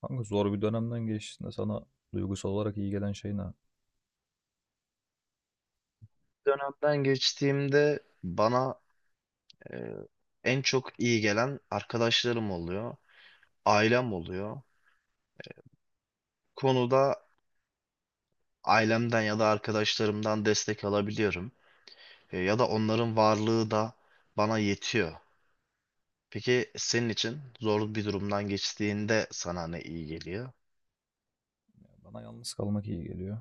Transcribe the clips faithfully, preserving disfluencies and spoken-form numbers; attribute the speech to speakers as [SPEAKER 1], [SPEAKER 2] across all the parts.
[SPEAKER 1] Kanka zor bir dönemden geçtiğinde sana duygusal olarak iyi gelen şey ne?
[SPEAKER 2] Dönemden geçtiğimde bana e, en çok iyi gelen arkadaşlarım oluyor, ailem oluyor. Konuda ailemden ya da arkadaşlarımdan destek alabiliyorum. E, ya da onların varlığı da bana yetiyor. Peki senin için zor bir durumdan geçtiğinde sana ne iyi geliyor?
[SPEAKER 1] Bana yalnız kalmak iyi geliyor.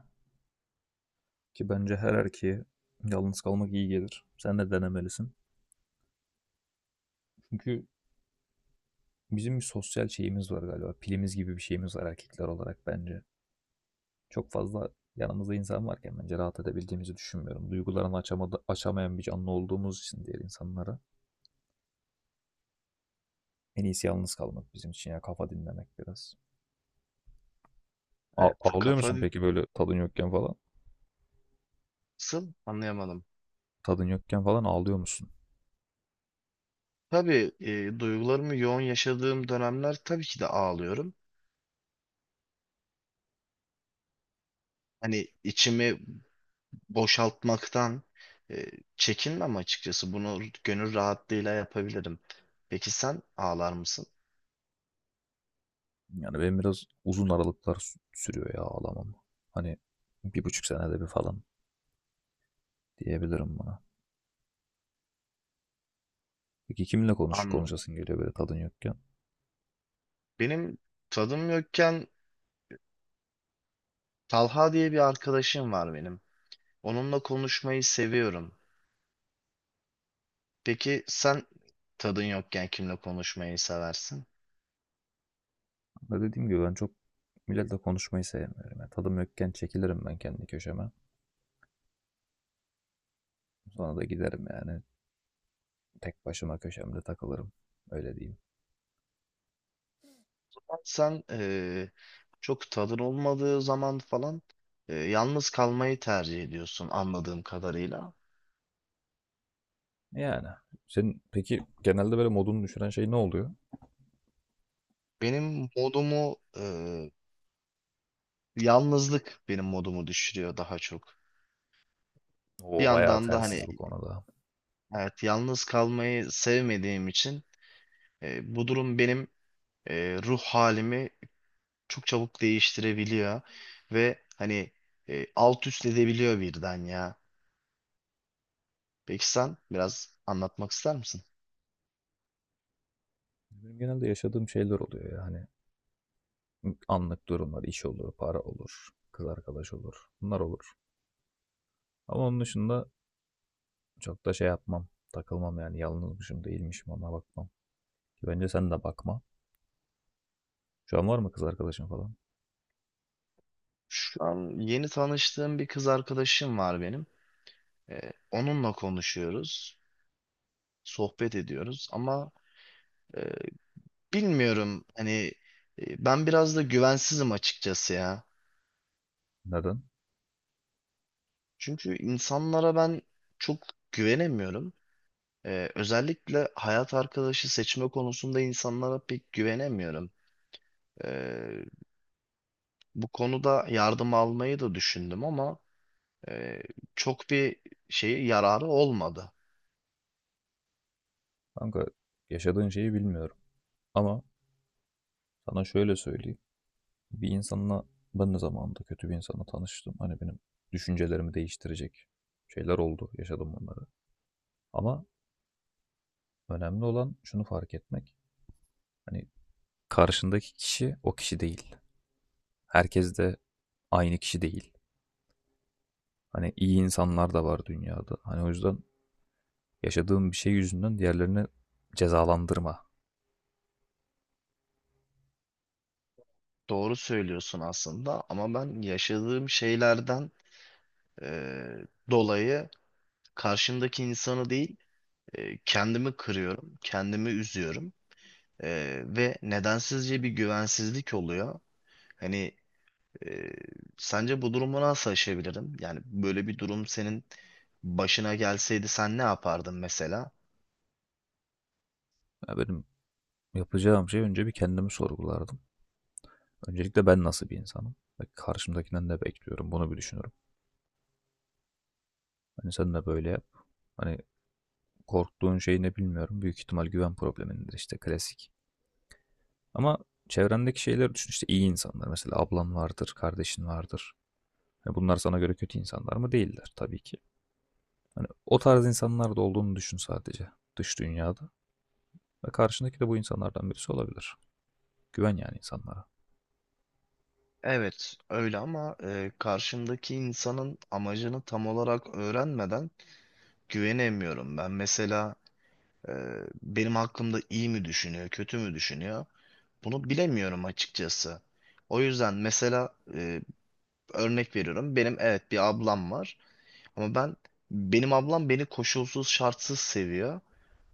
[SPEAKER 1] Ki bence her erkeğe yalnız kalmak iyi gelir. Sen de denemelisin. Çünkü bizim bir sosyal şeyimiz var galiba. Pilimiz gibi bir şeyimiz var erkekler olarak bence. Çok fazla yanımızda insan varken bence rahat edebildiğimizi düşünmüyorum. Duygularını açamadı, açamayan bir canlı olduğumuz için diğer insanlara. En iyisi yalnız kalmak bizim için ya, kafa dinlemek biraz. A-
[SPEAKER 2] Evet,
[SPEAKER 1] ağlıyor musun
[SPEAKER 2] kafasın
[SPEAKER 1] peki böyle tadın yokken falan?
[SPEAKER 2] anlayamadım.
[SPEAKER 1] Tadın yokken falan ağlıyor musun?
[SPEAKER 2] Tabii, e, duygularımı yoğun yaşadığım dönemler tabii ki de ağlıyorum. Hani içimi boşaltmaktan e, çekinmem açıkçası. Bunu gönül rahatlığıyla yapabilirim. Peki sen ağlar mısın?
[SPEAKER 1] Yani benim biraz uzun aralıklar sürüyor ya ağlamam. Hani bir buçuk senede bir falan diyebilirim buna. Peki kiminle konuş
[SPEAKER 2] Anladım.
[SPEAKER 1] konuşasın geliyor böyle tadın yokken?
[SPEAKER 2] Benim tadım yokken Talha diye bir arkadaşım var benim. Onunla konuşmayı seviyorum. Peki sen tadın yokken kimle konuşmayı seversin?
[SPEAKER 1] Ama dediğim gibi ben çok milletle konuşmayı sevmiyorum. Yani tadım yokken çekilirim ben kendi köşeme. Sonra da giderim yani tek başıma köşemde takılırım. Öyle diyeyim.
[SPEAKER 2] Sen e, çok tadın olmadığı zaman falan e, yalnız kalmayı tercih ediyorsun anladığım kadarıyla.
[SPEAKER 1] Yani senin peki genelde böyle modunu düşüren şey ne oluyor?
[SPEAKER 2] Benim modumu Yalnızlık benim modumu düşürüyor daha çok. Bir
[SPEAKER 1] O bayağı
[SPEAKER 2] yandan da hani
[SPEAKER 1] tersiz bu konuda.
[SPEAKER 2] evet yalnız kalmayı sevmediğim için e, bu durum benim e, ruh halimi çok çabuk değiştirebiliyor ve hani e, alt üst edebiliyor birden ya. Peki sen biraz anlatmak ister misin?
[SPEAKER 1] Benim genelde yaşadığım şeyler oluyor yani anlık durumlar, iş olur, para olur, kız arkadaş olur, bunlar olur. Ama onun dışında çok da şey yapmam, takılmam yani yalnızmışım değilmişim ona bakmam. Ki bence sen de bakma. Şu an var mı kız arkadaşın falan?
[SPEAKER 2] Şu an yeni tanıştığım bir kız arkadaşım var benim. E, onunla konuşuyoruz, sohbet ediyoruz ama e, bilmiyorum, hani e, ben biraz da güvensizim açıkçası ya.
[SPEAKER 1] Neden?
[SPEAKER 2] Çünkü insanlara ben çok güvenemiyorum. Ee, özellikle hayat arkadaşı seçme konusunda insanlara pek güvenemiyorum. Ee, Bu konuda yardım almayı da düşündüm ama e, çok bir şeyi yararı olmadı.
[SPEAKER 1] Kanka yaşadığın şeyi bilmiyorum. Ama sana şöyle söyleyeyim. Bir insanla Ben de zamanında kötü bir insanla tanıştım. Hani benim düşüncelerimi değiştirecek şeyler oldu. Yaşadım bunları. Ama önemli olan şunu fark etmek. Hani karşındaki kişi o kişi değil. Herkes de aynı kişi değil. Hani iyi insanlar da var dünyada. Hani o yüzden yaşadığım bir şey yüzünden diğerlerini cezalandırma.
[SPEAKER 2] Doğru söylüyorsun aslında ama ben yaşadığım şeylerden e, dolayı karşımdaki insanı değil, e, kendimi kırıyorum, kendimi üzüyorum. E, ve nedensizce bir güvensizlik oluyor. Hani, Ee, sence bu durumu nasıl aşabilirim? Yani böyle bir durum senin başına gelseydi sen ne yapardın mesela?
[SPEAKER 1] Ya benim yapacağım şey, önce bir kendimi sorgulardım. Öncelikle ben nasıl bir insanım? Ve karşımdakinden ne bekliyorum? Bunu bir düşünürüm. Hani sen de böyle yap. Hani korktuğun şey ne bilmiyorum. Büyük ihtimal güven problemindir işte, klasik. Ama çevrendeki şeyleri düşün işte, iyi insanlar. Mesela ablan vardır, kardeşin vardır. Hani bunlar sana göre kötü insanlar mı? Değiller tabii ki. Hani o tarz insanlar da olduğunu düşün sadece dış dünyada. Ve karşındaki de bu insanlardan birisi olabilir. Güven yani insanlara.
[SPEAKER 2] Evet, öyle ama e, karşımdaki insanın amacını tam olarak öğrenmeden güvenemiyorum. Ben mesela, e, benim hakkımda iyi mi düşünüyor, kötü mü düşünüyor? Bunu bilemiyorum açıkçası. O yüzden mesela e, örnek veriyorum. Benim evet bir ablam var ama ben benim ablam beni koşulsuz şartsız seviyor.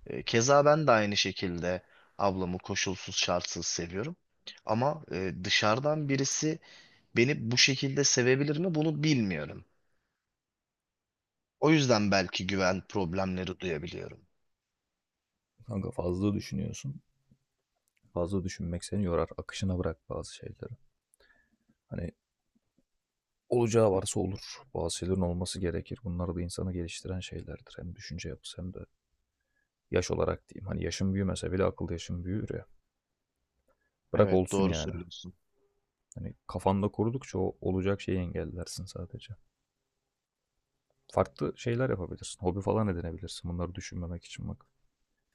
[SPEAKER 2] E, Keza ben de aynı şekilde ablamı koşulsuz şartsız seviyorum. Ama e, dışarıdan birisi beni bu şekilde sevebilir mi, bunu bilmiyorum. O yüzden belki güven problemleri duyabiliyorum.
[SPEAKER 1] Kanka fazla düşünüyorsun. Fazla düşünmek seni yorar. Akışına bırak bazı şeyleri. Hani olacağı varsa olur. Bazı şeylerin olması gerekir. Bunlar da insanı geliştiren şeylerdir. Hem düşünce yapısı hem de yaş olarak diyeyim. Hani yaşım büyümese bile akıl yaşım büyür ya. Bırak
[SPEAKER 2] Evet,
[SPEAKER 1] olsun
[SPEAKER 2] doğru
[SPEAKER 1] yani.
[SPEAKER 2] söylüyorsun.
[SPEAKER 1] Hani kafanda kurdukça o olacak şeyi engellersin sadece. Farklı şeyler yapabilirsin. Hobi falan edinebilirsin. Bunları düşünmemek için bak.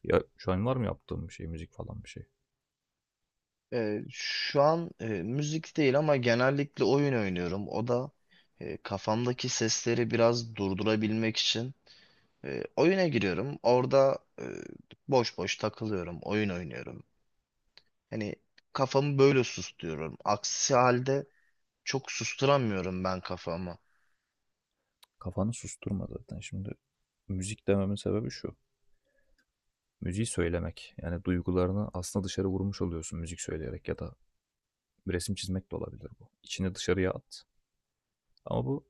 [SPEAKER 1] Ya şu an var mı yaptığım bir şey, müzik falan bir şey?
[SPEAKER 2] E, şu an e, müzik değil ama genellikle oyun oynuyorum. O da e, kafamdaki sesleri biraz durdurabilmek için e, oyuna giriyorum. Orada e, boş boş takılıyorum, oyun oynuyorum. Hani kafamı böyle susturuyorum. Aksi halde çok susturamıyorum ben kafamı.
[SPEAKER 1] Kafanı susturma zaten. Şimdi müzik dememin sebebi şu: müziği söylemek. Yani duygularını aslında dışarı vurmuş oluyorsun müzik söyleyerek, ya da resim çizmek de olabilir bu. İçini dışarıya at. Ama bu,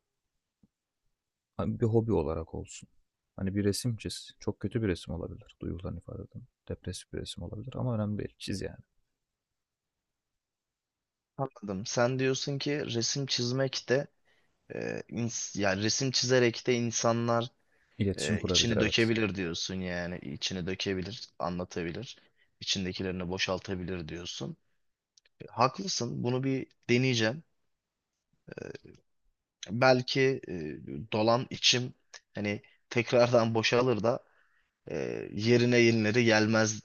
[SPEAKER 1] hani bir hobi olarak olsun. Hani bir resim çiz. Çok kötü bir resim olabilir, duygularını ifade eden. Depresif bir resim olabilir ama önemli değil. Çiz yani.
[SPEAKER 2] Anladım. Sen diyorsun ki, resim çizmek de e, ins- yani resim çizerek de insanlar
[SPEAKER 1] İletişim
[SPEAKER 2] e,
[SPEAKER 1] kurabilir,
[SPEAKER 2] içini
[SPEAKER 1] evet.
[SPEAKER 2] dökebilir diyorsun yani. İçini dökebilir, anlatabilir. İçindekilerini boşaltabilir diyorsun. E, haklısın. Bunu bir deneyeceğim. E, Belki e, dolan içim hani tekrardan boşalır da e, yerine yenileri gelmez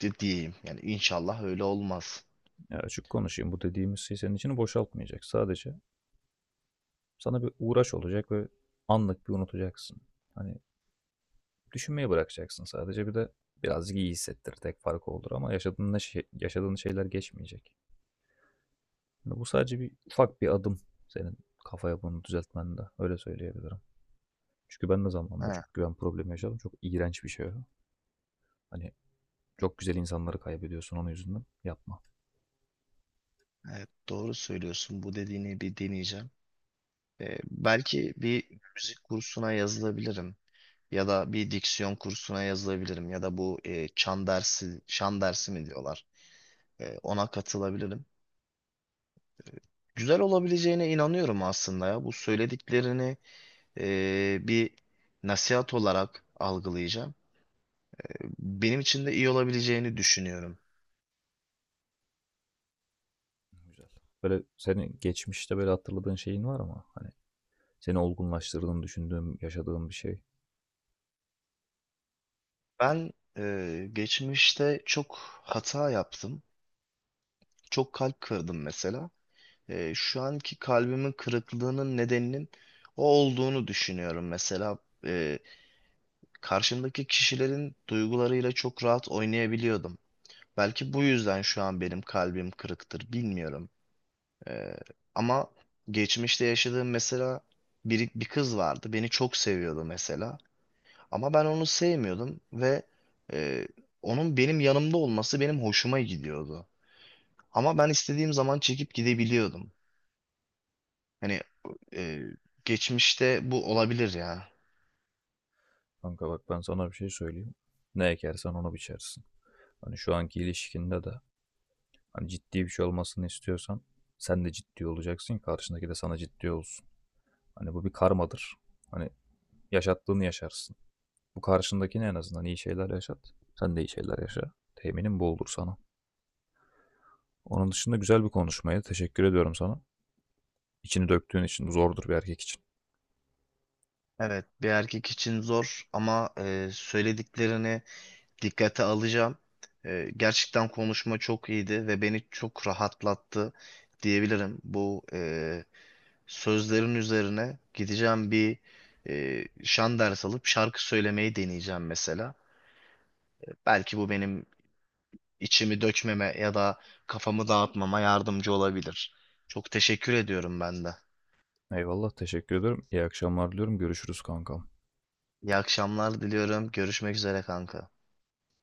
[SPEAKER 2] di- diyeyim. Yani inşallah öyle olmaz.
[SPEAKER 1] Ya açık konuşayım. Bu dediğimiz şey senin içini boşaltmayacak. Sadece sana bir uğraş olacak ve anlık bir unutacaksın. Hani düşünmeyi bırakacaksın sadece. Bir de birazcık iyi hissettir. Tek farkı olur ama yaşadığın, ne şey, yaşadığın şeyler geçmeyecek. Yani bu sadece bir ufak bir adım senin kafa yapını düzeltmende. Öyle söyleyebilirim. Çünkü ben de zamanında
[SPEAKER 2] Ha,
[SPEAKER 1] çok güven problemi yaşadım. Çok iğrenç bir şey o. Hani çok güzel insanları kaybediyorsun onun yüzünden. Yapma.
[SPEAKER 2] evet doğru söylüyorsun. Bu dediğini bir deneyeceğim. Ee, belki bir müzik kursuna yazılabilirim. Ya da bir diksiyon kursuna yazılabilirim. Ya da bu e, çan dersi, şan dersi mi diyorlar? E, ona katılabilirim. Güzel olabileceğine inanıyorum aslında ya. Bu söylediklerini e, bir nasihat olarak algılayacağım. Benim için de iyi olabileceğini düşünüyorum.
[SPEAKER 1] Güzel. Böyle senin geçmişte böyle hatırladığın şeyin var mı? Hani seni olgunlaştırdığını düşündüğüm, yaşadığın bir şey.
[SPEAKER 2] Ben e, Geçmişte çok hata yaptım. Çok kalp kırdım mesela. Ee, şu anki kalbimin kırıklığının nedeninin o olduğunu düşünüyorum. Mesela e, karşımdaki kişilerin duygularıyla çok rahat oynayabiliyordum. Belki bu yüzden şu an benim kalbim kırıktır, bilmiyorum. Ee, Ama geçmişte yaşadığım mesela bir, bir kız vardı. Beni çok seviyordu mesela. Ama ben onu sevmiyordum ve e, onun benim yanımda olması benim hoşuma gidiyordu. Ama ben istediğim zaman çekip gidebiliyordum. Hani e, geçmişte bu olabilir ya.
[SPEAKER 1] Kanka bak, ben sana bir şey söyleyeyim. Ne ekersen onu biçersin. Hani şu anki ilişkinde de hani ciddi bir şey olmasını istiyorsan sen de ciddi olacaksın. Karşındaki de sana ciddi olsun. Hani bu bir karmadır. Hani yaşattığını yaşarsın. Bu karşındakine en azından iyi şeyler yaşat. Sen de iyi şeyler yaşa. Teminim bu olur sana. Onun dışında güzel bir konuşmaydı. Teşekkür ediyorum sana. İçini döktüğün için, zordur bir erkek için.
[SPEAKER 2] Evet, bir erkek için zor ama e, söylediklerini dikkate alacağım. E, gerçekten konuşma çok iyiydi ve beni çok rahatlattı diyebilirim. Bu e, sözlerin üzerine gideceğim, bir e, şan ders alıp şarkı söylemeyi deneyeceğim mesela. Belki bu benim içimi dökmeme ya da kafamı dağıtmama yardımcı olabilir. Çok teşekkür ediyorum ben de.
[SPEAKER 1] Eyvallah, teşekkür ederim. İyi akşamlar diliyorum. Görüşürüz kankam.
[SPEAKER 2] İyi akşamlar diliyorum. Görüşmek üzere kanka.